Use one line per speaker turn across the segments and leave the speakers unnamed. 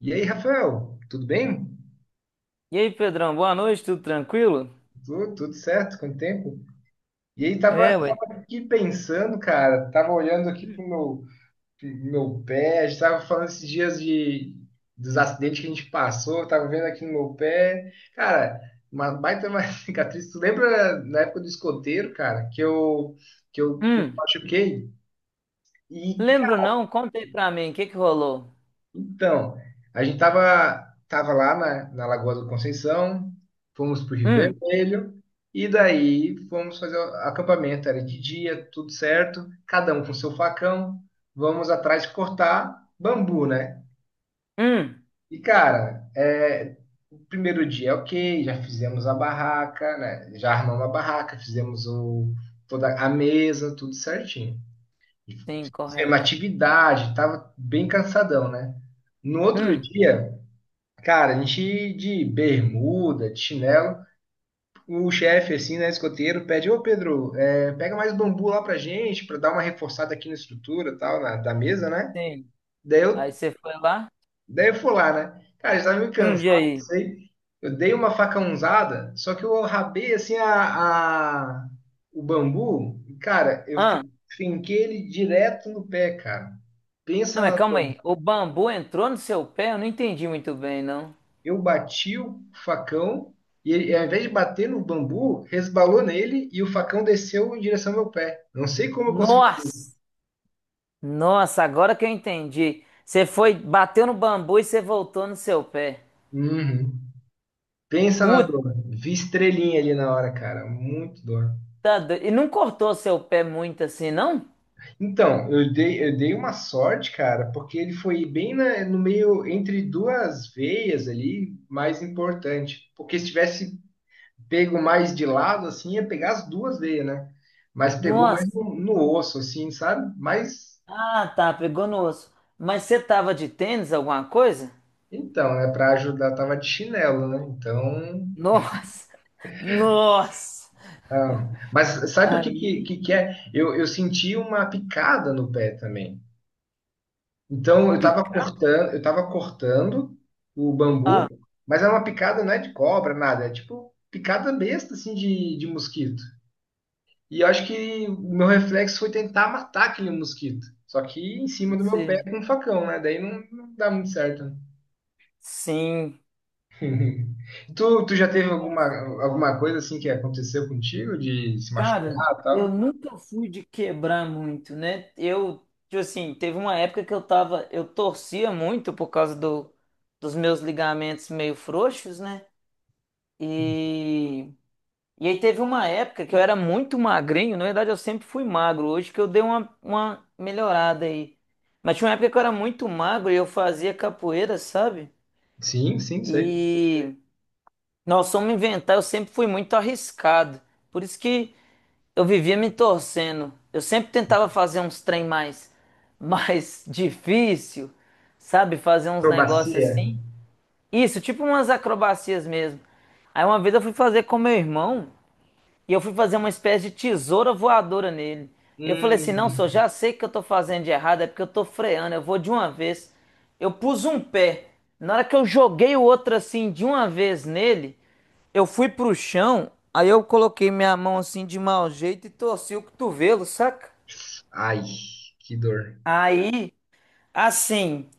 E aí, Rafael, tudo bem?
E aí, Pedrão, boa noite, tudo tranquilo?
Tudo, tudo certo? Quanto tempo? E aí, tava,
É, ué.
tava aqui pensando, cara, tava olhando aqui pro meu pé. A gente tava falando esses dias dos acidentes que a gente passou, tava vendo aqui no meu pé. Cara, uma baita uma cicatriz. Tu lembra na época do escoteiro, cara, que eu
Hum.
machuquei? E,
Lembro não, conta aí pra mim, o que que rolou?
Então, a gente tava lá na Lagoa do Conceição, fomos pro Rio
Hum.
Vermelho, e daí fomos fazer o acampamento. Era de dia, tudo certo, cada um com seu facão, vamos atrás de cortar bambu, né?
Hum.
E cara, o primeiro dia, é ok. Já fizemos a barraca, né? Já armamos a barraca, fizemos toda a mesa, tudo certinho.
Sim,
Fizemos
correto.
atividade, tava bem cansadão, né? No outro
Hum.
dia, cara, a gente de bermuda, de chinelo, o chefe, assim, né, escoteiro, pede, ô Pedro, pega mais bambu lá pra gente, pra dar uma reforçada aqui na estrutura e tal, da mesa, né?
Sim.
Daí eu,
Aí você foi lá?
daí eu fui lá, né? Cara, eu estava meio
Hum. E
cansado, não
aí?
sei. Eu dei uma facãozada, só que eu rabei, assim, o bambu, e, cara, eu
Ah,
finquei ele direto no pé, cara.
não,
Pensa
mas
na
calma aí, o bambu entrou no seu pé? Eu não entendi muito bem, não.
Eu bati o facão e ele, ao invés de bater no bambu, resbalou nele e o facão desceu em direção ao meu pé. Não sei como eu consegui fazer
Nossa,
isso.
nossa, agora que eu entendi. Você foi, bateu no bambu e você voltou no seu pé.
Uhum. Pensa na
Puta,
dor. Vi estrelinha ali na hora, cara. Muito dor.
e não cortou seu pé muito assim, não?
Então, eu dei uma sorte, cara, porque ele foi bem no meio, entre duas veias ali, mais importante. Porque se tivesse pego mais de lado, assim, ia pegar as duas veias, né? Mas pegou
Nossa.
mais no osso, assim, sabe?
Ah, tá, pegou no osso. Mas você tava de tênis, alguma coisa?
Então, né, para ajudar, tava de chinelo, né? Então,
Nossa, nossa.
ah, mas sabe o que que,
Aí,
que que é? Eu senti uma picada no pé também. Então, eu tava
picado.
cortando, eu tava cortando o
Ah,
bambu, mas era uma picada, não é de cobra, nada, é tipo picada besta assim de mosquito. E eu acho que o meu reflexo foi tentar matar aquele mosquito. Só que em cima
pode
do meu pé
ser.
com um facão, né? Daí não dá muito certo, né.
Sim.
Uhum. Tu já teve alguma,
Nossa.
alguma coisa assim que aconteceu contigo de se
Cara,
machucar e
eu
tal?
nunca fui de quebrar muito, né? Eu, tipo assim, teve uma época que eu tava, eu torcia muito por causa do, dos meus ligamentos meio frouxos, né? E E aí teve uma época que eu era muito magrinho, na verdade eu sempre fui magro, hoje que eu dei uma melhorada aí. Mas tinha uma época que eu era muito magro e eu fazia capoeira, sabe?
Sim, sim, sei.
E nós fomos inventar, eu sempre fui muito arriscado. Por isso que eu vivia me torcendo. Eu sempre tentava fazer uns trem mais, mais difícil, sabe? Fazer uns negócios
Acrobacia.
assim. Isso, tipo umas acrobacias mesmo. Aí uma vez eu fui fazer com meu irmão. E eu fui fazer uma espécie de tesoura voadora nele. Eu falei assim: não,
Hum.
senhor, já sei que eu tô fazendo de errado, é porque eu tô freando, eu vou de uma vez. Eu pus um pé. Na hora que eu joguei o outro assim de uma vez nele, eu fui pro chão, aí eu coloquei minha mão assim de mau jeito e torci o cotovelo, saca?
Ai, que dor.
Aí, assim,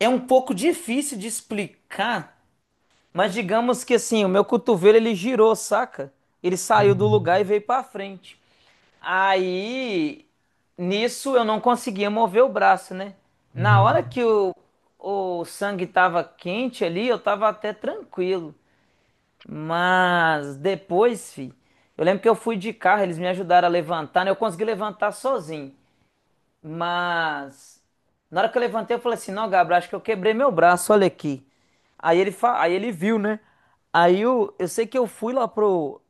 é um pouco difícil de explicar mas digamos que assim, o meu cotovelo ele girou, saca? Ele saiu do
Hum.
lugar e veio pra frente. Aí, nisso eu não conseguia mover o braço, né? Na hora
Uhum.
que o sangue tava quente ali, eu tava até tranquilo. Mas depois, eu lembro que eu fui de carro, eles me ajudaram a levantar, né? Eu consegui levantar sozinho. Mas na hora que eu levantei, eu falei assim: não, Gabriel, acho que eu quebrei meu braço, olha aqui. Aí ele viu, né? Aí eu sei que eu fui lá pro,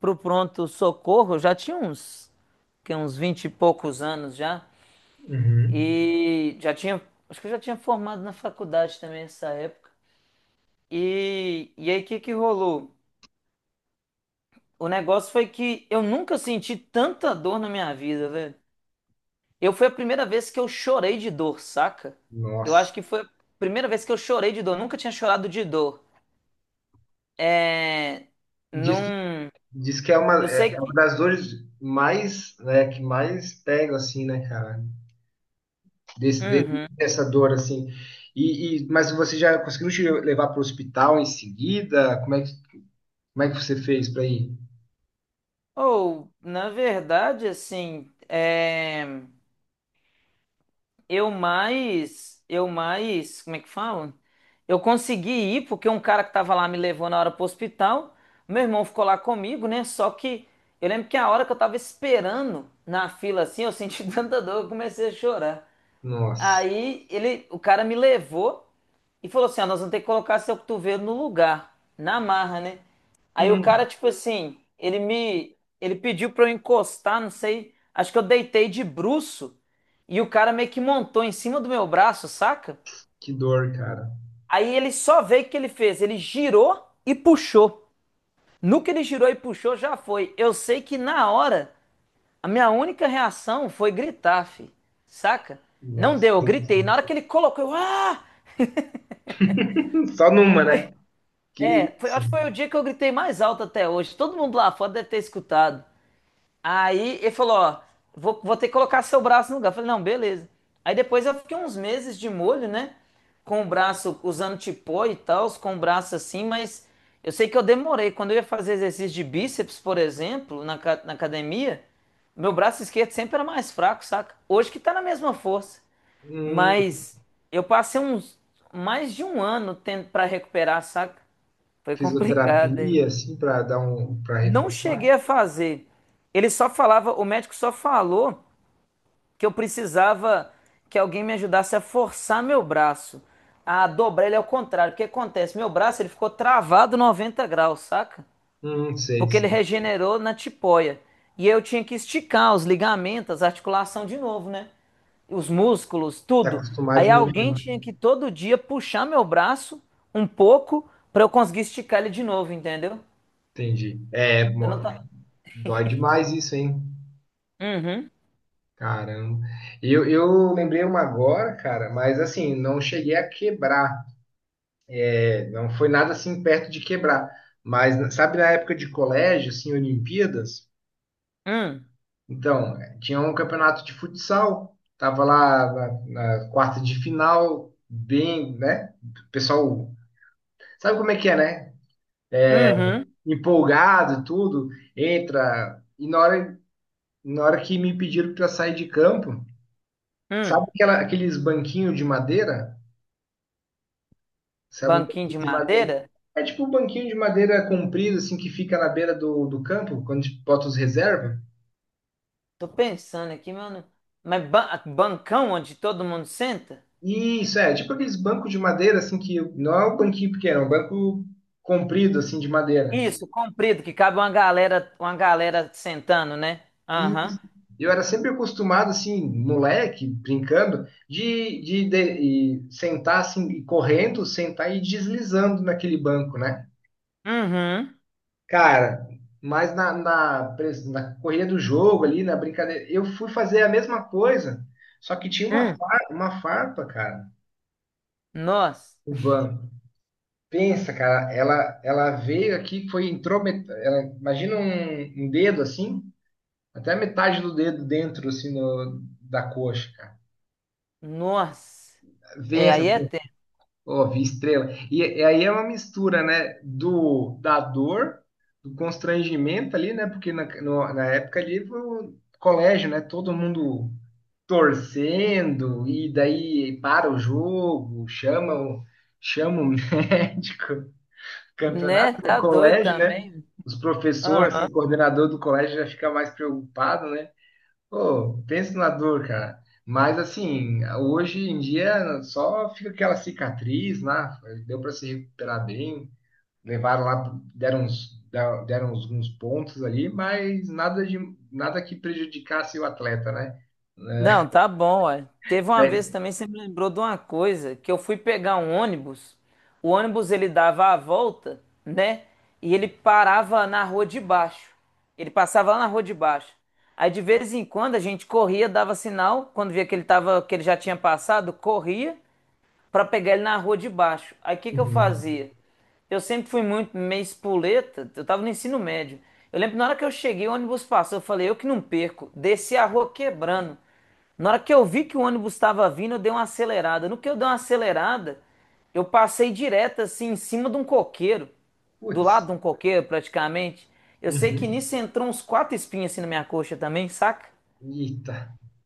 pro pronto-socorro, eu já tinha uns 20 e poucos anos já.
Uhum.
E já tinha, Acho que eu já tinha formado na faculdade também nessa época. E aí o que que rolou? O negócio foi que eu nunca senti tanta dor na minha vida, velho. Eu foi a primeira vez que eu chorei de dor, saca? Eu acho
Nossa.
que foi a primeira vez que eu chorei de dor. Nunca tinha chorado de dor. É.
Diz que,
Num.
diz que é
Eu
uma, é
sei
é uma
que.
das dores mais, né, que mais pega, assim, né, cara?
Uhum.
Dessa dor, assim. Mas você já conseguiu te levar para o hospital em seguida? Como é que você fez para ir?
Ou, na verdade, assim. É... Eu mais. Eu mais. Como é que falam? Eu consegui ir porque um cara que tava lá me levou na hora pro hospital. Meu irmão ficou lá comigo, né? Só que eu lembro que a hora que eu tava esperando na fila assim, eu senti tanta dor, eu comecei a chorar.
Nossa.
O cara me levou e falou assim: ó, nós vamos ter que colocar seu cotovelo no lugar, na marra, né? Aí o cara,
Hum,
tipo assim, ele pediu pra eu encostar, não sei, acho que eu deitei de bruço e o cara meio que montou em cima do meu braço, saca?
que dor, cara.
Aí ele só veio o que ele fez, ele girou e puxou. No que ele girou e puxou, já foi. Eu sei que na hora, a minha única reação foi gritar, saca? Não
Nossa.
deu, eu gritei. Na hora que ele colocou, eu, ah!
Só numa, né? Que
É, foi,
isso.
acho que foi o dia que eu gritei mais alto até hoje. Todo mundo lá fora deve ter escutado. Aí ele falou, ó, vou ter que colocar seu braço no lugar. Eu falei, não, beleza. Aí depois eu fiquei uns meses de molho, né? Com o braço, usando tipó e tal, com o braço assim, mas eu sei que eu demorei. Quando eu ia fazer exercício de bíceps, por exemplo, na academia, meu braço esquerdo sempre era mais fraco, saca? Hoje que tá na mesma força.
Hum,
Mas eu passei uns mais de um ano pra recuperar, saca? Foi complicado, hein?
Fisioterapia, assim, pra dar um, para
Não cheguei
reforçar.
a fazer. Ele só falava, o médico só falou que eu precisava que alguém me ajudasse a forçar meu braço, a dobrar ele ao contrário. O que acontece? Meu braço ele ficou travado 90 graus, saca?
Sei,
Porque ele
sei.
regenerou na tipoia. E eu tinha que esticar os ligamentos, a articulação de novo, né? Os músculos,
Tá
tudo.
acostumado
Aí
de novo,
alguém
né?
tinha que todo dia puxar meu braço um pouco para eu conseguir esticar ele de novo, entendeu?
Entendi. É,
Eu não,
mano,
ta-
dói demais isso, hein?
Uhum.
Caramba. Eu lembrei uma agora, cara, mas assim, não cheguei a quebrar. É, não foi nada assim perto de quebrar. Mas sabe na época de colégio, assim, Olimpíadas?
Hum.
Então, tinha um campeonato de futsal, tava lá na quarta de final, bem, né? O pessoal, sabe como é que é, né?
Uhum.
Empolgado, tudo, entra. E na hora que me pediram para sair de campo, sabe
Hum.
aqueles banquinhos de madeira? Sabe o
Banquinho de
banquinho de madeira?
madeira?
É tipo um banquinho de madeira comprido, assim, que fica na beira do campo, quando a gente bota os reservas.
Tô pensando aqui, mano. Mas bancão onde todo mundo senta?
Isso, é, tipo aqueles bancos de madeira, assim, que não é um banquinho pequeno, é um banco comprido, assim, de madeira.
Isso, comprido, que cabe uma galera sentando, né?
E
Aham.
eu era sempre acostumado, assim, moleque, brincando, e sentar, assim, e correndo, sentar e deslizando naquele banco, né?
Uhum.
Cara, mas na correria do jogo ali, na brincadeira, eu fui fazer a mesma coisa, só que tinha
Hum.
uma farpa, cara,
Nossa.
no banco. Pensa, cara, ela veio aqui, foi, entrou, imagina um dedo assim, até a metade do dedo dentro, assim, da coxa, cara.
Nossa. É,
Pensa,
aí é
essa,
tempo,
ó, vi estrela. E aí é uma mistura, né, da dor, do constrangimento ali, né, porque na, no- na época ali foi o colégio, né, todo mundo torcendo, e daí para o jogo, chama o médico. Campeonato,
né?
né?
Tá doido
Colégio, né?
também.
Os professores, assim,
Aham.
o coordenador do colégio já fica mais preocupado, né? Pô, pensa na dor, cara. Mas assim, hoje em dia só fica aquela cicatriz lá, deu para se recuperar bem, levaram lá, deram uns pontos ali, mas nada de nada que prejudicasse o atleta, né?
Não, tá bom, uai. Teve uma vez
É.
também, você me lembrou de uma coisa, que eu fui pegar um ônibus, o ônibus ele dava a volta, né? E ele parava na rua de baixo. Ele passava lá na rua de baixo. Aí de vez em quando a gente corria, dava sinal, quando via que ele tava, que ele já tinha passado, corria para pegar ele na rua de baixo. Aí o que que eu
Uhum.
fazia? Eu sempre fui muito meio espoleta, eu tava no ensino médio. Eu lembro que na hora que eu cheguei, o ônibus passou, eu falei, eu que não perco. Desci a rua quebrando. Na hora que eu vi que o ônibus estava vindo, eu dei uma acelerada. No que eu dei uma acelerada, eu passei direto assim em cima de um coqueiro, do lado
Putz.
de um coqueiro praticamente. Eu sei que
Uhum.
nisso entrou uns quatro espinhos assim na minha coxa também, saca?
Eita,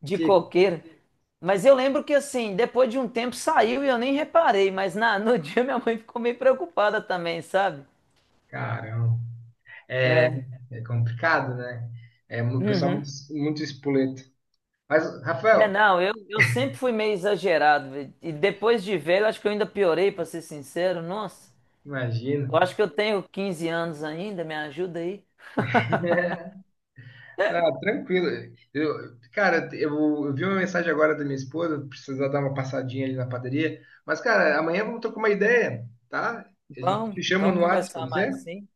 De
que
coqueiro. Mas eu lembro que assim, depois de um tempo saiu e eu nem reparei, mas no dia minha mãe ficou meio preocupada também, sabe?
caramba. É,
É.
é complicado, né? É um pessoal
Uhum.
muito, muito espoleto. Mas,
É,
Rafael,
não, eu sempre fui meio exagerado, velho. E depois de velho, acho que eu ainda piorei, pra ser sincero. Nossa,
imagina.
eu acho que eu tenho 15 anos ainda, me ajuda aí.
Ah, tranquilo. Eu, cara, eu vi uma mensagem agora da minha esposa, precisar dar uma passadinha ali na padaria. Mas, cara, amanhã vamos trocar uma ideia, tá? A gente
Vamos,
te chama
vamos
no WhatsApp,
conversar
pode ser?
mais, sim?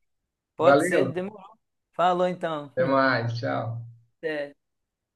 Pode ser,
Valeu,
demorou. Falou então.
até mais, tchau.
Até.